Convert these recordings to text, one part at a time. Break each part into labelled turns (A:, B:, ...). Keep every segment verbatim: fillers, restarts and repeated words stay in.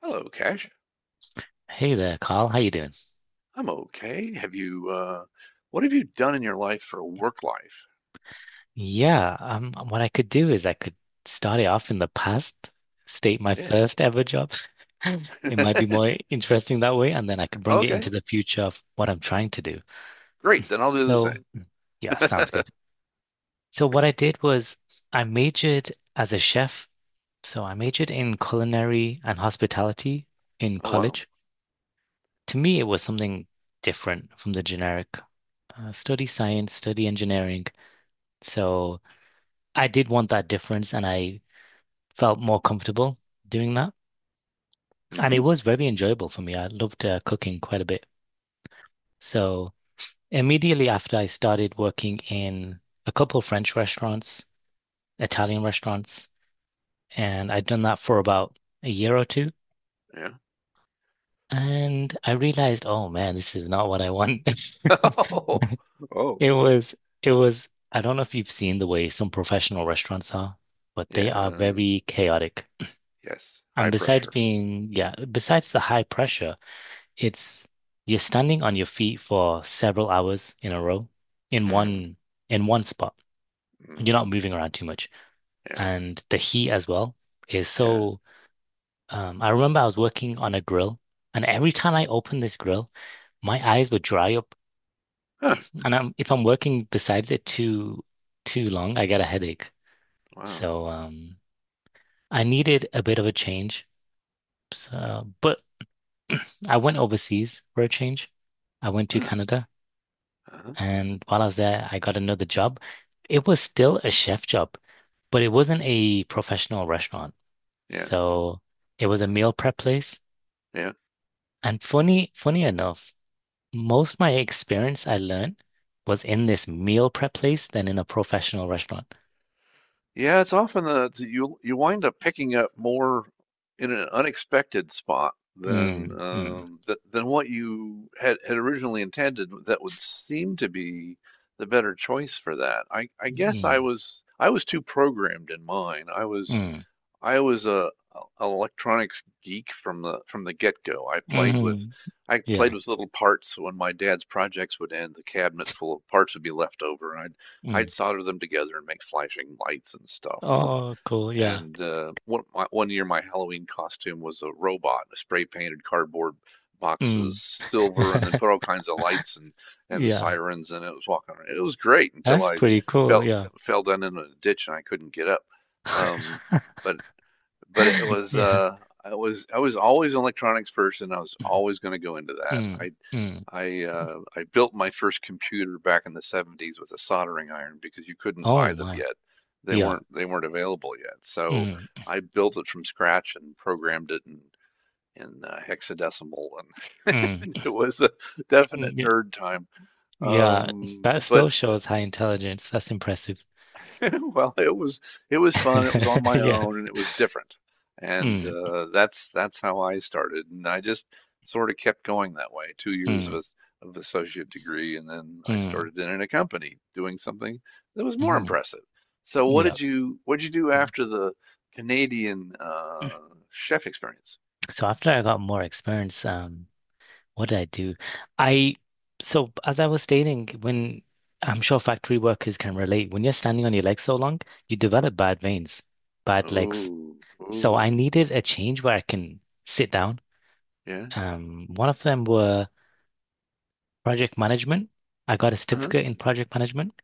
A: Hello, Cash.
B: Hey there, Carl. How you doing?
A: I'm okay. Have you, uh, what have you done in your life for work life?
B: Yeah, um, what I could do is I could start it off in the past, state my first ever job. It might
A: Yeah.
B: be more interesting that way, and then I could bring it
A: Okay.
B: into the future of what I'm trying to do.
A: Great. Then I'll do the
B: So, Mm. Yeah, sounds
A: same.
B: good. So what I did was I majored as a chef. So I majored in culinary and hospitality in
A: Oh, wow.
B: college. To me, it was something different from the generic uh, study science, study engineering. So I did want that difference, and I felt more comfortable doing that. And
A: Mm-hmm.
B: it was very enjoyable for me. I loved uh, cooking quite a bit. So immediately after I started working in a couple of French restaurants, Italian restaurants, and I'd done that for about a year or two.
A: Yeah.
B: And I realized, oh man, this is not what I want.
A: Oh, oh,
B: It was, it was, I don't know if you've seen the way some professional restaurants are, but they are
A: yeah.
B: very chaotic.
A: Yes. High
B: And besides
A: pressure.
B: being, yeah, besides the high pressure, It's you're standing on your feet for several hours in a row in
A: Mm,
B: one in one spot. You're
A: mm,
B: not moving around too much.
A: yeah.
B: And the heat as well is
A: Yeah.
B: so um, I remember I was working on a grill, and every time I opened this grill, my eyes would dry up,
A: Huh.
B: and I'm, if I'm working besides it too too long, I get a headache.
A: Wow.
B: So um, I needed a bit of a change. So, but I went overseas for a change. I went to
A: Huh.
B: Canada.
A: Uh-huh.
B: And while I was there, I got another job. It was still a chef job, but it wasn't a professional restaurant.
A: Yeah.
B: So it was a meal prep place.
A: Yeah.
B: And funny, funny enough, most of my experience I learned was in this meal prep place than in a professional restaurant.
A: Yeah, it's often a, it's- you you wind up picking up more in an unexpected spot than
B: Mm, mm,
A: um, th than what you had had originally intended. That would seem to be the better choice for that. I I guess I
B: mm,
A: was I was too programmed in mine. I was
B: mm,
A: I was a a- electronics geek from the from the get-go. I played with
B: mm,
A: I played
B: yeah.
A: with little parts. When my dad's projects would end, the cabinet full of parts would be left over, and I'd
B: Mm.
A: I'd solder them together and make flashing lights and stuff. And
B: Oh, cool. Yeah.
A: and uh, one my, one year, my Halloween costume was a robot. I spray painted cardboard boxes
B: Mm.
A: silver, and then put all kinds of lights and and
B: Yeah.
A: sirens, and it was walking around. It was great until
B: That's
A: I
B: pretty cool.
A: fell
B: Yeah.
A: fell down in a ditch and I couldn't get up. Um, but but it was
B: Yeah.
A: uh I was I was always an electronics person. I was always going to go into that.
B: Mm,
A: I
B: mm.
A: I uh, I built my first computer back in the seventies with a soldering iron because you couldn't
B: Oh
A: buy them
B: my.
A: yet. They
B: Yeah.
A: weren't they weren't available yet. So
B: Mm,
A: I built it from scratch and programmed it in in uh, hexadecimal, and
B: mm,
A: it was a
B: mm,
A: definite
B: yeah.
A: nerd time.
B: Yeah.
A: Um,
B: That
A: but
B: still shows high intelligence. That's impressive.
A: Well, it was it was fun. It was on my
B: Yeah.
A: own, and it was different. And
B: Mm,
A: uh, that's that's how I started, and I just sort of kept going that way. Two years of
B: mm,
A: as of associate degree, and then I
B: mm,
A: started in, in a company doing something that was more
B: mm.
A: impressive. So, what
B: Yeah.
A: did you what did you do after the Canadian uh, chef experience?
B: So after I got more experience, um, what did I do? I so As I was stating, when I'm sure factory workers can relate, when you're standing on your legs so long, you develop bad veins, bad legs.
A: Oh,
B: So
A: oh,
B: I needed a change where I can sit down.
A: yeah.
B: Um, one of them were project management. I got a
A: Uh-huh.
B: certificate in project management.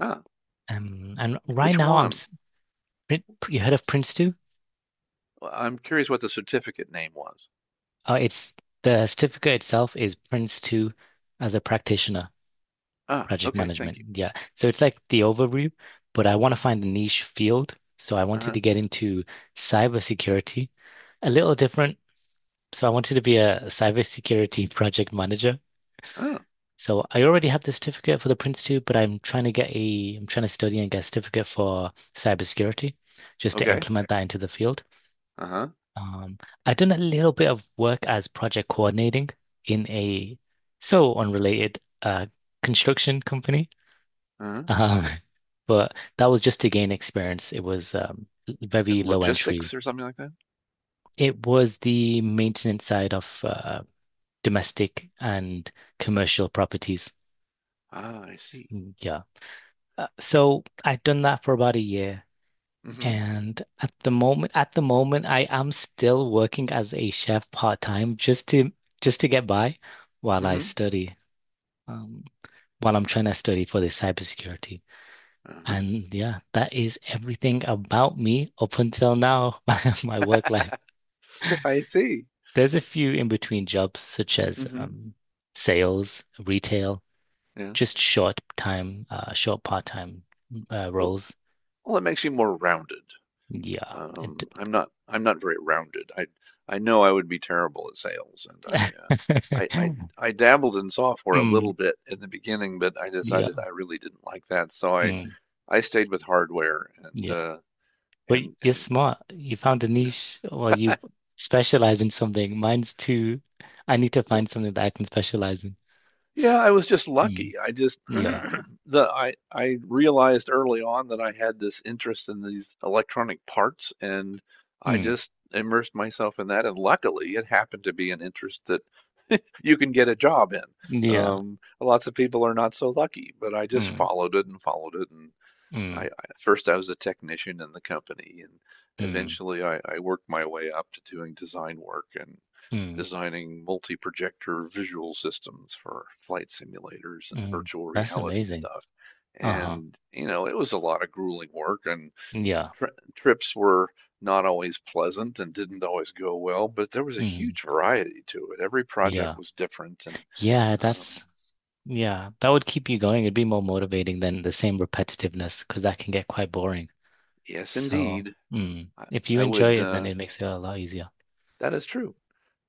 A: Ah,
B: Um, and right
A: which
B: now I'm
A: one?
B: s- Prin- you heard of Prince two?
A: Well, I'm curious what the certificate name was.
B: Uh, it's The certificate itself is Prince two as a practitioner,
A: Ah,
B: project
A: okay, thank
B: management.
A: you.
B: Yeah. So it's like the overview, but I want to find a niche field. So I wanted
A: Uh-huh.
B: to get into cybersecurity, a little different. So I wanted to be a cybersecurity project manager.
A: Ah,
B: So I already have the certificate for the Prince two, but I'm trying to get a, I'm trying to study and get a certificate for cybersecurity just to
A: okay.
B: implement that into the field.
A: Uh-huh.
B: Um, I've done a little bit of work as project coordinating in a so unrelated uh, construction company.
A: Uh-huh.
B: Um, but that was just to gain experience. It was um, very
A: And
B: low
A: logistics
B: entry.
A: or something like that?
B: It was the maintenance side of uh, domestic and commercial properties.
A: Ah, I see.
B: Mm, Yeah. Uh, so I've done that for about a year.
A: Mm-hmm.
B: And at the moment, at the moment, I am still working as a chef part-time just to just to get by while I
A: Mm-hmm.
B: study, um, while I'm trying to study for this cybersecurity.
A: Uh-huh.
B: And yeah, that is everything about me up until now, my, my work life.
A: I see.
B: There's a few in between jobs such as
A: Mm-hmm.
B: um, sales, retail,
A: Yeah.
B: just short time, uh, short part-time uh,
A: Well,
B: roles.
A: well, it makes you more rounded.
B: Yeah. It,
A: Um, I'm not I'm not very rounded. I I know I would be terrible at sales, and I uh I, I I dabbled in software a little
B: Mm,
A: bit in the beginning, but I decided
B: yeah,
A: I really didn't like that, so I
B: mm,
A: I stayed with hardware and
B: yeah.
A: uh
B: But
A: and
B: you're
A: and
B: smart. You found a niche or you specialize in something. Mine's too, I need to
A: well,
B: find something that I can specialize in.
A: yeah, I was just
B: Mm,
A: lucky. I just
B: yeah,
A: the I I realized early on that I had this interest in these electronic parts, and I
B: mm,
A: just immersed myself in that, and luckily it happened to be an interest that you can get a job in.
B: yeah,
A: Um, lots of people are not so lucky, but I just
B: mm,
A: followed it and followed it, and I,
B: mm,
A: I first I was a technician in the company, and
B: mm,
A: eventually I, I worked my way up to doing design work and
B: mm,
A: designing multi-projector visual systems for flight simulators and
B: mm.
A: virtual
B: That's
A: reality
B: amazing.
A: stuff.
B: Uh-huh.
A: And, you know, it was a lot of grueling work, and
B: Yeah,
A: tri trips were not always pleasant and didn't always go well, but there was a
B: mm,
A: huge variety to it. Every
B: yeah,
A: project was different, and
B: yeah.
A: um,
B: That's, yeah, that would keep you going. It'd be more motivating than the same repetitiveness because that can get quite boring.
A: yes,
B: So,
A: indeed,
B: mm,
A: I,
B: if you
A: I
B: enjoy
A: would,
B: it, then
A: uh,
B: it makes it a lot easier.
A: that is true.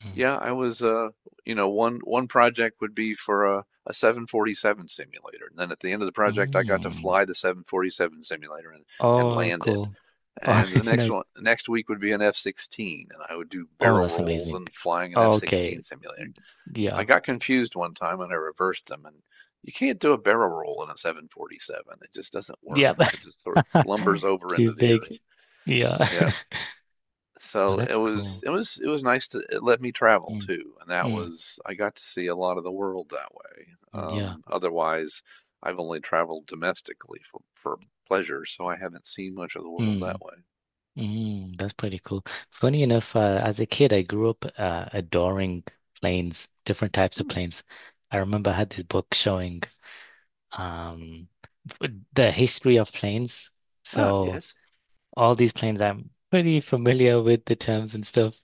B: Mm.
A: Yeah, I was uh you know one one project would be for a, a seven forty-seven simulator. And then at the end of the project I got to
B: Mm.
A: fly the seven forty-seven simulator and, and
B: Oh,
A: land it.
B: cool. All
A: And the
B: right,
A: next
B: nice.
A: one, next week, would be an F sixteen, and I would do
B: Oh,
A: barrel
B: that's
A: rolls
B: amazing.
A: and flying an F sixteen
B: Okay.
A: simulator. I
B: Yeah.
A: got confused one time and I reversed them, and you can't do a barrel roll in a seven forty-seven. It just doesn't work.
B: Yeah.
A: It just sort of lumbers over into
B: Too
A: the earth.
B: big. Yeah.
A: Yeah,
B: Well,
A: so it
B: that's
A: was
B: cool.
A: it was it was nice to it let me travel
B: Mm.
A: too, and that
B: Mm.
A: was I got to see a lot of the world that way.
B: Yeah.
A: Um, otherwise, I've only traveled domestically for for pleasure, so I haven't seen much of the world that
B: Mm.
A: way.
B: Mm. That's pretty cool. Funny enough, uh, as a kid, I grew up uh, adoring planes, different types of
A: Hmm.
B: planes. I remember I had this book showing um, the history of planes.
A: Ah,
B: So
A: yes.
B: all these planes, I'm pretty familiar with the terms and stuff.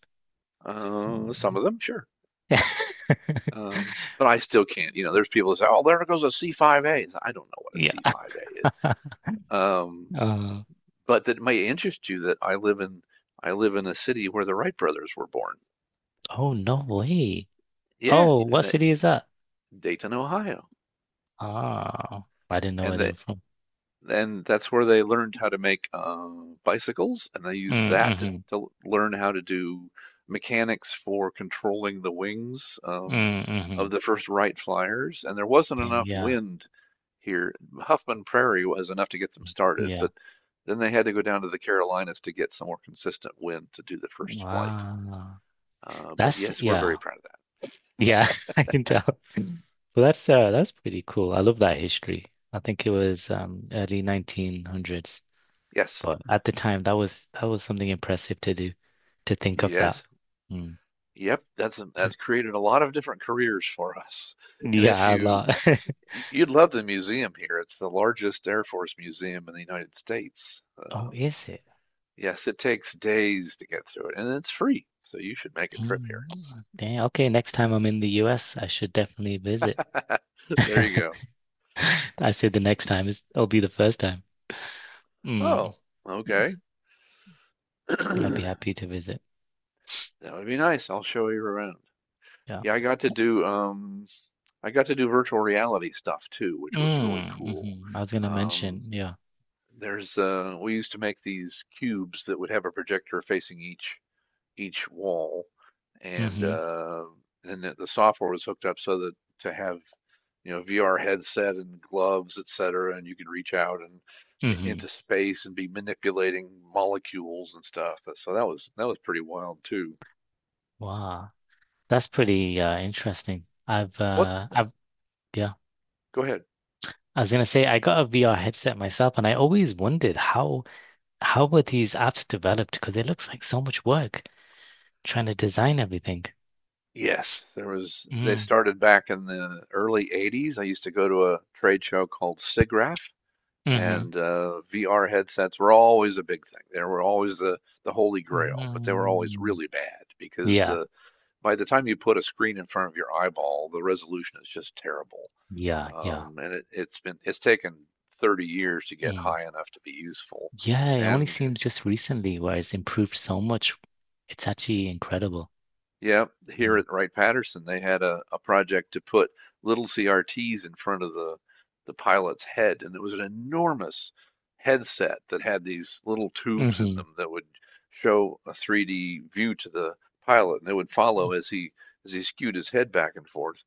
A: Uh, some of them, sure. Um, but I still can't. You know, there's people that say, "Oh, there goes a C five A." I don't know what a
B: Yeah.
A: C five A is. Um,
B: Uh,
A: but that may interest you that I live in I live in a city where the Wright brothers were born.
B: oh, no way.
A: Yeah,
B: Oh,
A: and
B: what
A: that
B: city is that?
A: Dayton, Ohio.
B: Ah, I didn't know where
A: and
B: they
A: they
B: were from.
A: and that's where they learned how to make uh, bicycles, and they used that to,
B: Mm-hmm.
A: to learn how to do mechanics for controlling the wings um,
B: Mm-hmm.
A: of the first Wright Flyers. And there wasn't enough
B: Yeah.
A: wind here. Huffman Prairie was enough to get them started,
B: Yeah.
A: but then they had to go down to the Carolinas to get some more consistent wind to do the first flight.
B: Wow.
A: Uh, but
B: That's
A: yes, we're very
B: yeah.
A: proud of that.
B: Yeah, I can tell. Well, that's uh that's pretty cool. I love that history. I think it was um early nineteen hundreds.
A: Yes,
B: But at the time, that was that was something impressive to do, to think of
A: yes,
B: that. Mm.
A: yep. That's
B: Okay.
A: that's created a lot of different careers for us. And if
B: Yeah, a
A: you
B: lot.
A: Y- You'd love the museum here. It's the largest Air Force museum in the United States.
B: Oh,
A: Um,
B: is it?
A: yes, it takes days to get through it, and it's free, so you should make a trip here.
B: Mm. Dang, okay, next time I'm in the U S, I should definitely visit.
A: There you go.
B: I say the next time is it'll be the first time. Mm.
A: Oh, okay.
B: Mm. I'd be
A: That
B: happy to visit.
A: would be nice. I'll show you around.
B: Yeah.
A: Yeah, I got to do um I got to do virtual reality stuff too, which was really
B: Mm.
A: cool.
B: Hmm. I was gonna
A: Um,
B: mention, yeah.
A: there's uh we used to make these cubes that would have a projector facing each each wall. And
B: Hmm.
A: uh, then the software was hooked up so that to have, you know, V R headset and gloves, et cetera, and you could reach out and into
B: Hmm.
A: space and be manipulating molecules and stuff. uh, So that was that was pretty wild too.
B: Wow. That's pretty uh interesting. I've
A: What?
B: uh I've yeah.
A: Go ahead.
B: I was gonna say I got a V R headset myself, and I always wondered how how were these apps developed? Because it looks like so much work trying to design everything.
A: Yes, there was. They
B: Mm,
A: started back in the early eighties. I used to go to a trade show called SIGGRAPH,
B: hmm
A: and uh, V R headsets were always a big thing. They were always the the holy grail, but they were always
B: mm
A: really bad because
B: Yeah,
A: the by the time you put a screen in front of your eyeball, the resolution is just terrible.
B: yeah, yeah.
A: Um, and it, it's been it's taken thirty years to get
B: Mm.
A: high enough to be useful.
B: Yeah, it only
A: And
B: seems just recently where it's improved so much. It's actually incredible.
A: yep, here
B: Mm.
A: at Wright-Patterson, they had a, a project to put little C R Ts in front of the the pilot's head, and it was an enormous headset that had these little tubes in
B: Hmm.
A: them that would show a three D view to the pilot, and they would follow as he as he skewed his head back and forth.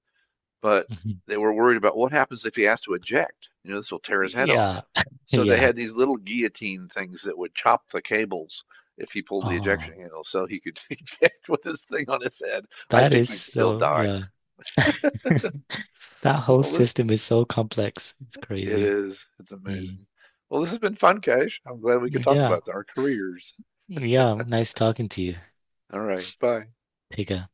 A: But
B: Hmm.
A: they were worried about what happens if he has to eject. You know, this will tear his head off.
B: Yeah,
A: So they
B: yeah.
A: had these little guillotine things that would chop the cables if he pulled the
B: Oh,
A: ejection handle, so he could eject with this thing on his head. I
B: that
A: think
B: is
A: he'd still
B: so,
A: die.
B: yeah. That whole
A: Well, this,
B: system is so complex. It's
A: it
B: crazy.
A: is. It's
B: Mm.
A: amazing. Well, this has been fun, Cash. I'm glad we could talk
B: Yeah.
A: about our careers.
B: Yeah, nice talking to you.
A: All right, bye.
B: Take care.